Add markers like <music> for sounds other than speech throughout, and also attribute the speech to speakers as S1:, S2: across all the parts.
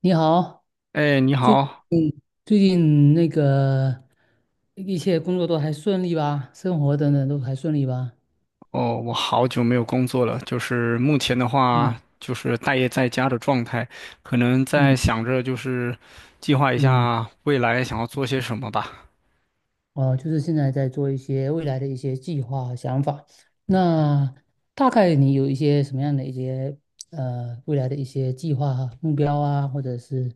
S1: 你好，
S2: 哎，你
S1: 最
S2: 好，
S1: 最近一切工作都还顺利吧？生活等等都还顺利吧？
S2: 哦，我好久没有工作了，就是目前的话，
S1: 嗯
S2: 就是待业在家的状态，可能在
S1: 嗯
S2: 想着就是计划一
S1: 嗯，
S2: 下未来想要做些什么吧。
S1: 哦，就是现在在做一些未来的一些计划和想法。那大概你有一些什么样的一些未来的一些计划和目标啊，或者是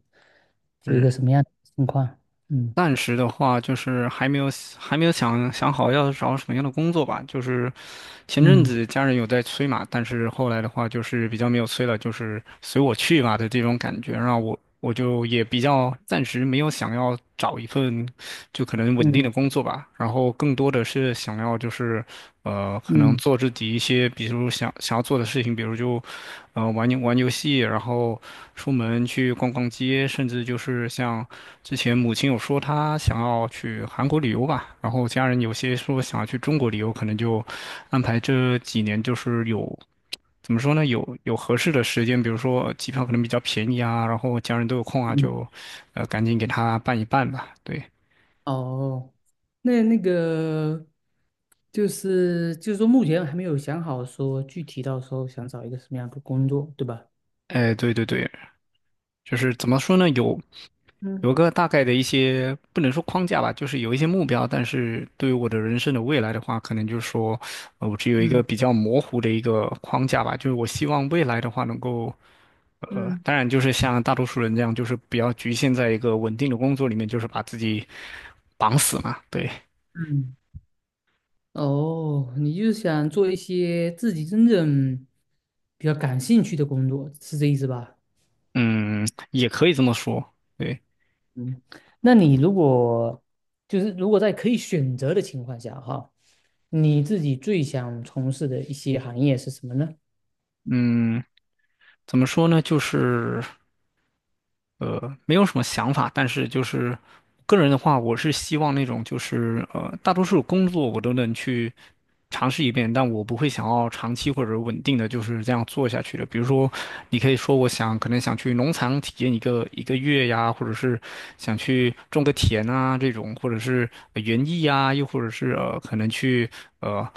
S1: 有一个
S2: 是。
S1: 什么样的情况？嗯
S2: 暂时的话就是还没有想好要找什么样的工作吧。就是前阵
S1: 嗯
S2: 子家人有在催嘛，但是后来的话就是比较没有催了，就是随我去吧的这种感觉，让我就也比较暂时没有想要找一份。就可能稳定的
S1: 嗯
S2: 工作吧，然后更多的是想要就是，可能
S1: 嗯
S2: 做自己一些，比如想要做的事情，比如就，玩游戏，然后出门去逛街，甚至就是像之前母亲有说她想要去韩国旅游吧，然后家人有些说想要去中国旅游，可能就安排这几年就是有。怎么说呢？有合适的时间，比如说机票可能比较便宜啊，然后家人都有空啊，
S1: 嗯
S2: 就，赶紧给他办一办吧。对。
S1: 哦，那就是说，目前还没有想好说具体到时候想找一个什么样的工作，对吧？
S2: 哎，对对对，就是怎么说呢？有
S1: 嗯
S2: 有个大概的一些，不能说框架吧，就是有一些目标，但是对于我的人生的未来的话，可能就是说，我只有一个
S1: 嗯
S2: 比较模糊的一个框架吧，就是我希望未来的话能够，
S1: 嗯，
S2: 当然就是像大多数人这样，就是不要局限在一个稳定的工作里面，就是把自己绑死嘛。对。
S1: 嗯，哦，你就是想做一些自己真正比较感兴趣的工作，是这意思吧？
S2: 嗯，也可以这么说。对。
S1: 嗯，那你就是如果在可以选择的情况下，哈，你自己最想从事的一些行业是什么呢？
S2: 嗯，怎么说呢？就是。没有什么想法，但是就是个人的话，我是希望那种就是大多数工作我都能去尝试一遍，但我不会想要长期或者稳定的就是这样做下去的。比如说，你可以说我想可能想去农场体验一个一个月呀，或者是想去种个田啊这种，或者是园艺啊，又或者是可能去呃。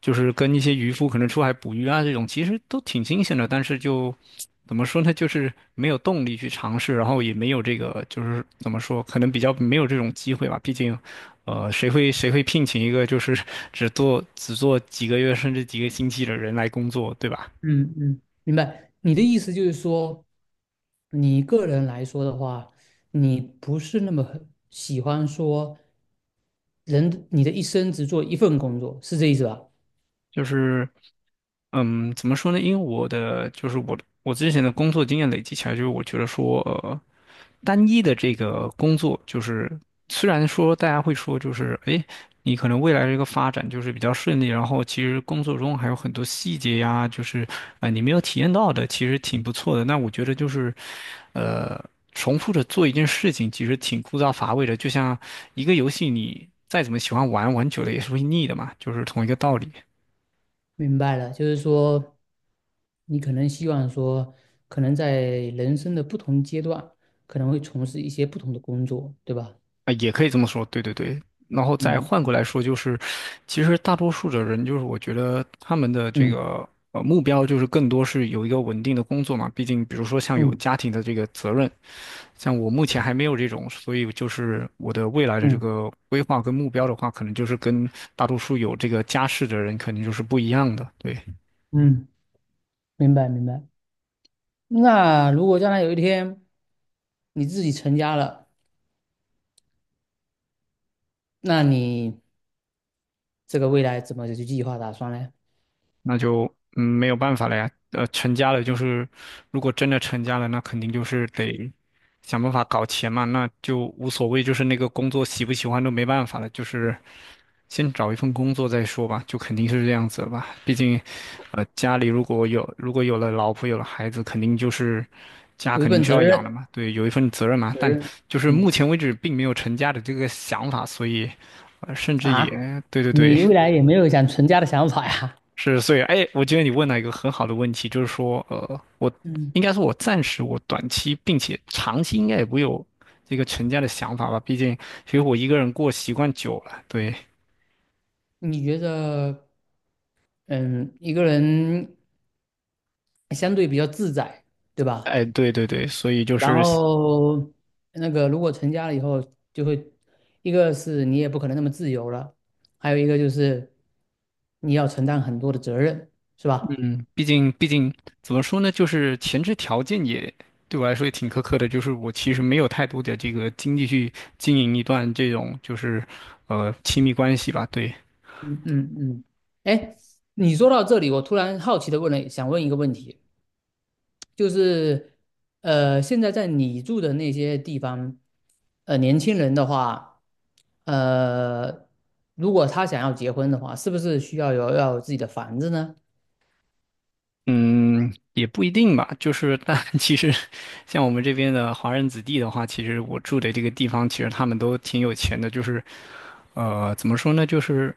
S2: 就是跟一些渔夫可能出海捕鱼啊这种，其实都挺新鲜的，但是就怎么说呢，就是没有动力去尝试，然后也没有这个就是怎么说，可能比较没有这种机会吧。毕竟，谁会聘请一个就是只做几个月甚至几个星期的人来工作，对吧？
S1: 嗯嗯，明白。你的意思就是说，你个人来说的话，你不是那么很喜欢说人，你的一生只做一份工作，是这意思吧？
S2: 就是。嗯，怎么说呢？因为我的就是我之前的工作经验累积起来，就是我觉得说，单一的这个工作，就是虽然说大家会说，就是诶，你可能未来这个发展就是比较顺利，然后其实工作中还有很多细节呀，就是啊、你没有体验到的，其实挺不错的。那我觉得就是，呃，重复着做一件事情，其实挺枯燥乏味的，就像一个游戏，你再怎么喜欢玩，玩久了也是会腻的嘛，就是同一个道理。
S1: 明白了，就是说，你可能希望说，可能在人生的不同阶段，可能会从事一些不同的工作，对吧？
S2: 啊，也可以这么说，对对对。然后再换过
S1: 嗯
S2: 来说，就是其实大多数的人，就是我觉得他们的这
S1: 嗯
S2: 个目标，就是更多是有一个稳定的工作嘛。毕竟，比如说像有
S1: 嗯
S2: 家庭的这个责任，像我目前还没有这种，所以就是我的未来的这
S1: 嗯
S2: 个规划跟目标的话，可能就是跟大多数有这个家室的人肯定就是不一样的，对。
S1: 嗯，明白明白。那如果将来有一天你自己成家了，那你。这个未来怎么去计划打算呢？
S2: 那就没有办法了呀。成家了就是，如果真的成家了，那肯定就是得想办法搞钱嘛，那就无所谓，就是那个工作喜不喜欢都没办法了，就是先找一份工作再说吧，就肯定是这样子了吧。毕竟，家里如果有了老婆有了孩子，肯定就是家
S1: 有一
S2: 肯定
S1: 份
S2: 是
S1: 责
S2: 要养
S1: 任，
S2: 的嘛，对，有一份责任嘛。
S1: 责
S2: 但
S1: 任，
S2: 就是目
S1: 嗯
S2: 前为止并没有成家的这个想法，所以，甚至也
S1: 啊，
S2: 对对对。
S1: 你未来也没有想成家的想法呀？
S2: 是，所以，哎，我觉得你问了一个很好的问题，就是说，我
S1: 嗯，
S2: 应该说，我暂时我短期并且长期应该也不会有这个成家的想法吧，毕竟其实我一个人过习惯久了，对。
S1: 你觉得，嗯，一个人相对比较自在，对吧？
S2: 哎，对对对，所以就
S1: 然
S2: 是。
S1: 后如果成家了以后，就会一个是你也不可能那么自由了，还有一个就是你要承担很多的责任，是吧？
S2: 嗯，毕竟怎么说呢，就是前置条件也对我来说也挺苛刻的，就是我其实没有太多的这个精力去经营一段这种就是亲密关系吧，对。
S1: 嗯嗯，哎，你说到这里，我突然好奇的问了，想问一个问题。就是，现在在你住的那些地方，年轻人的话，呃，如果他想要结婚的话，是不是需要有自己的房子呢？
S2: 嗯，也不一定吧。就是，但 <laughs> 其实像我们这边的华人子弟的话，其实我住的这个地方，其实他们都挺有钱的。就是，怎么说呢？就是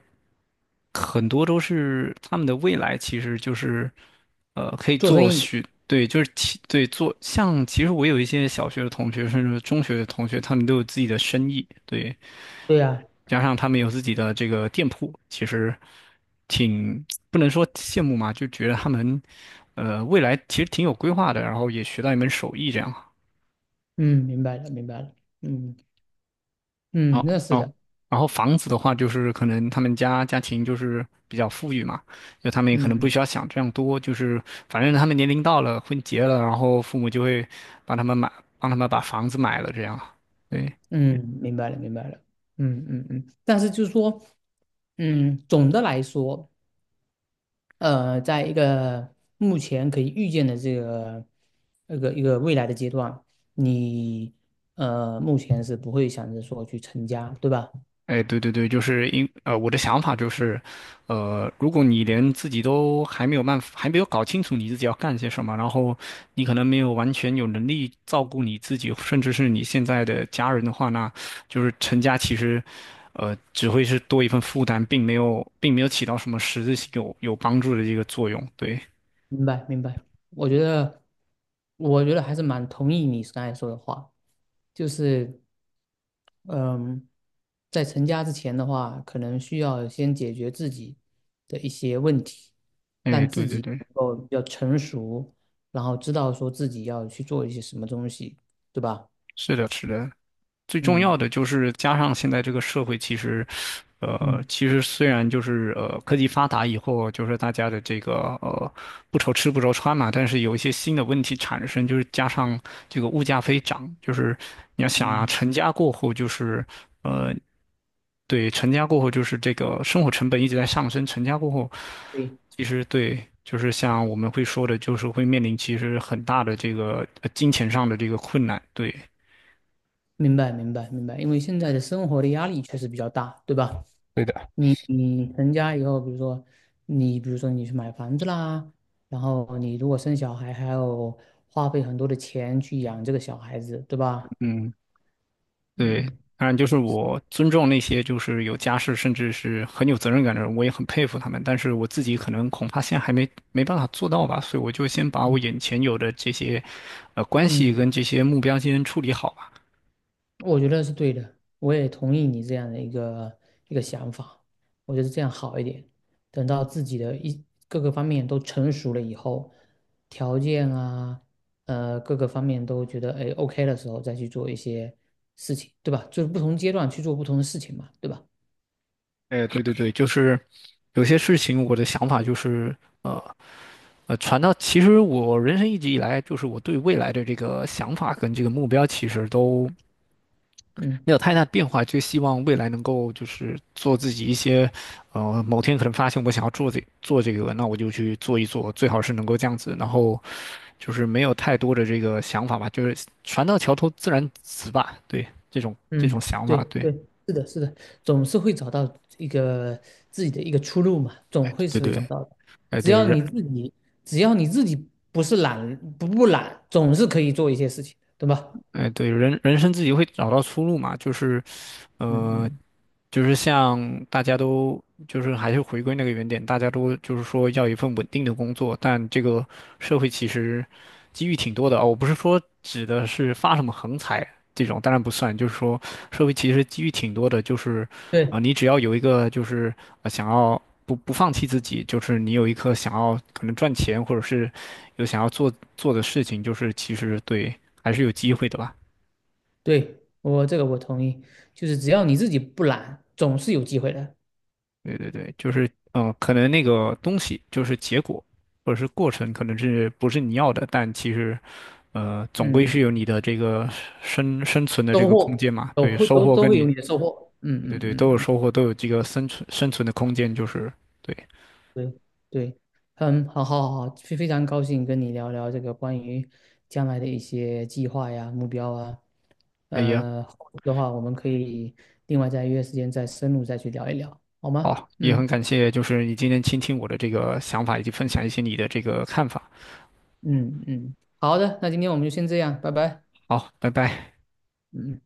S2: 很多都是他们的未来，其实就是，可以
S1: 做生
S2: 做
S1: 意，
S2: 许，对，就是其对做像。其实我有一些小学的同学，甚至中学的同学，他们都有自己的生意。对，
S1: 对呀，
S2: 加上他们有自己的这个店铺，其实挺不能说羡慕嘛，就觉得他们未来其实挺有规划的，然后也学到一门手艺这样。
S1: 嗯，明白了，明白了，嗯嗯，
S2: 哦
S1: 那是
S2: 哦，
S1: 的，
S2: 然后房子的话，就是可能他们家庭就是比较富裕嘛，就他们也可能不
S1: 嗯
S2: 需要想这样多，就是反正他们年龄到了，婚结了，然后父母就会帮他们买，帮他们把房子买了这样。对。
S1: 嗯，明白了，明白了，嗯嗯嗯，但是就是说，嗯，总的来说。呃，在一个目前可以预见的这个一个未来的阶段，你目前是不会想着说去成家，对吧？
S2: 哎，对对对，就是我的想法就是，如果你连自己都还没有办法，还没有搞清楚你自己要干些什么，然后你可能没有完全有能力照顾你自己，甚至是你现在的家人的话，那就是成家其实，只会是多一份负担，并没有，并没有起到什么实质性有帮助的一个作用。对。
S1: 明白，明白。我觉得，我觉得还是蛮同意你刚才说的话，就是嗯，在成家之前的话，可能需要先解决自己的一些问题，
S2: 哎，对对对，
S1: 能够比较成熟，然后知道说自己要去做一些什么东西，对吧？
S2: 是的，是的。最重
S1: 嗯。
S2: 要的就是加上现在这个社会，其实，
S1: 嗯
S2: 其实虽然就是科技发达以后，就是大家的这个呃不愁吃不愁穿嘛，但是有一些新的问题产生，就是加上这个物价飞涨，就是你要想啊，
S1: 嗯，
S2: 成家过后就是呃，对，成家过后就是这个生活成本一直在上升，成家过后，
S1: 对，
S2: 其实对。就是像我们会说的，就是会面临其实很大的这个金钱上的这个困难，对，
S1: 明白明白明白，因为现在的生活的压力确实比较大，对吧？
S2: 对的。
S1: 你成家以后，比如说你去买房子啦，然后你如果生小孩，还要花费很多的钱去养这个小孩子，对吧？
S2: 嗯。对，
S1: 嗯
S2: 当然就是我尊重那些就是有家室甚至是很有责任感的人，我也很佩服他们。但是我自己可能恐怕现在还没办法做到吧，所以我就先把我
S1: 嗯
S2: 眼前有的这些，关
S1: 嗯，
S2: 系跟这些目标先处理好吧。
S1: 我觉得是对的，我也同意你这样的一个想法，我觉得这样好一点。等到自己的一各个方面都成熟了以后，条件啊，呃，各个方面都觉得哎 OK 的时候，再去做一些事情，对吧？就是不同阶段去做不同的事情嘛，对吧？
S2: 哎，对对对，就是有些事情我的想法就是，传到其实我人生一直以来就是我对未来的这个想法跟这个目标其实都
S1: 嗯。
S2: 没有太大变化，就希望未来能够就是做自己一些，某天可能发现我想要做这个，那我就去做一做，最好是能够这样子，然后就是没有太多的这个想法吧，就是船到桥头自然直吧，对，这种这种
S1: 嗯，
S2: 想
S1: 对
S2: 法，对。
S1: 对，是的，是的，总是会找到一个自己的一个出路嘛，总
S2: 哎，
S1: 会
S2: 对
S1: 是会
S2: 对
S1: 找
S2: 对。
S1: 到的。
S2: 哎
S1: 只
S2: 对
S1: 要你
S2: 人。
S1: 自己，只要你自己不懒，总是可以做一些事情的，对吧？
S2: 哎对人人生自己会找到出路嘛，就是
S1: 嗯
S2: 呃，
S1: 嗯，
S2: 就是像大家都就是还是回归那个原点，大家都就是说要一份稳定的工作，但这个社会其实机遇挺多的啊，我不是说指的是发什么横财这种，当然不算，就是说社会其实机遇挺多的，就是啊、
S1: 对
S2: 你只要有一个就是想要。不放弃自己，就是你有一颗想要可能赚钱，或者是有想要做做的事情，就是其实对，还是有机会的吧。
S1: 对，我这个我同意，就是只要你自己不懒，总是有机会的。
S2: 对对对，就是嗯，可能那个东西就是结果，或者是过程，可能是不是你要的，但其实，总归
S1: 嗯，
S2: 是有你的这个生存的这
S1: 收
S2: 个空
S1: 获
S2: 间嘛。
S1: 都
S2: 对，
S1: 会
S2: 收
S1: 都
S2: 获
S1: 都
S2: 跟
S1: 会
S2: 你
S1: 有你的收获。嗯
S2: 对对
S1: 嗯
S2: 对都
S1: 嗯
S2: 有
S1: 嗯。
S2: 收获，都有这个生存的空间，就是对。
S1: 对对，嗯，好好好，非常高兴跟你聊聊这个关于将来的一些计划呀、目标啊。
S2: 哎呀，
S1: 呃，后续的话我们可以另外再约时间再深入再去聊一聊，好吗？
S2: 好，也很
S1: 嗯
S2: 感谢，就是你今天倾听我的这个想法，以及分享一些你的这个看法。
S1: 嗯嗯，好的，那今天我们就先这样，拜拜。
S2: 好，拜拜。
S1: 嗯。嗯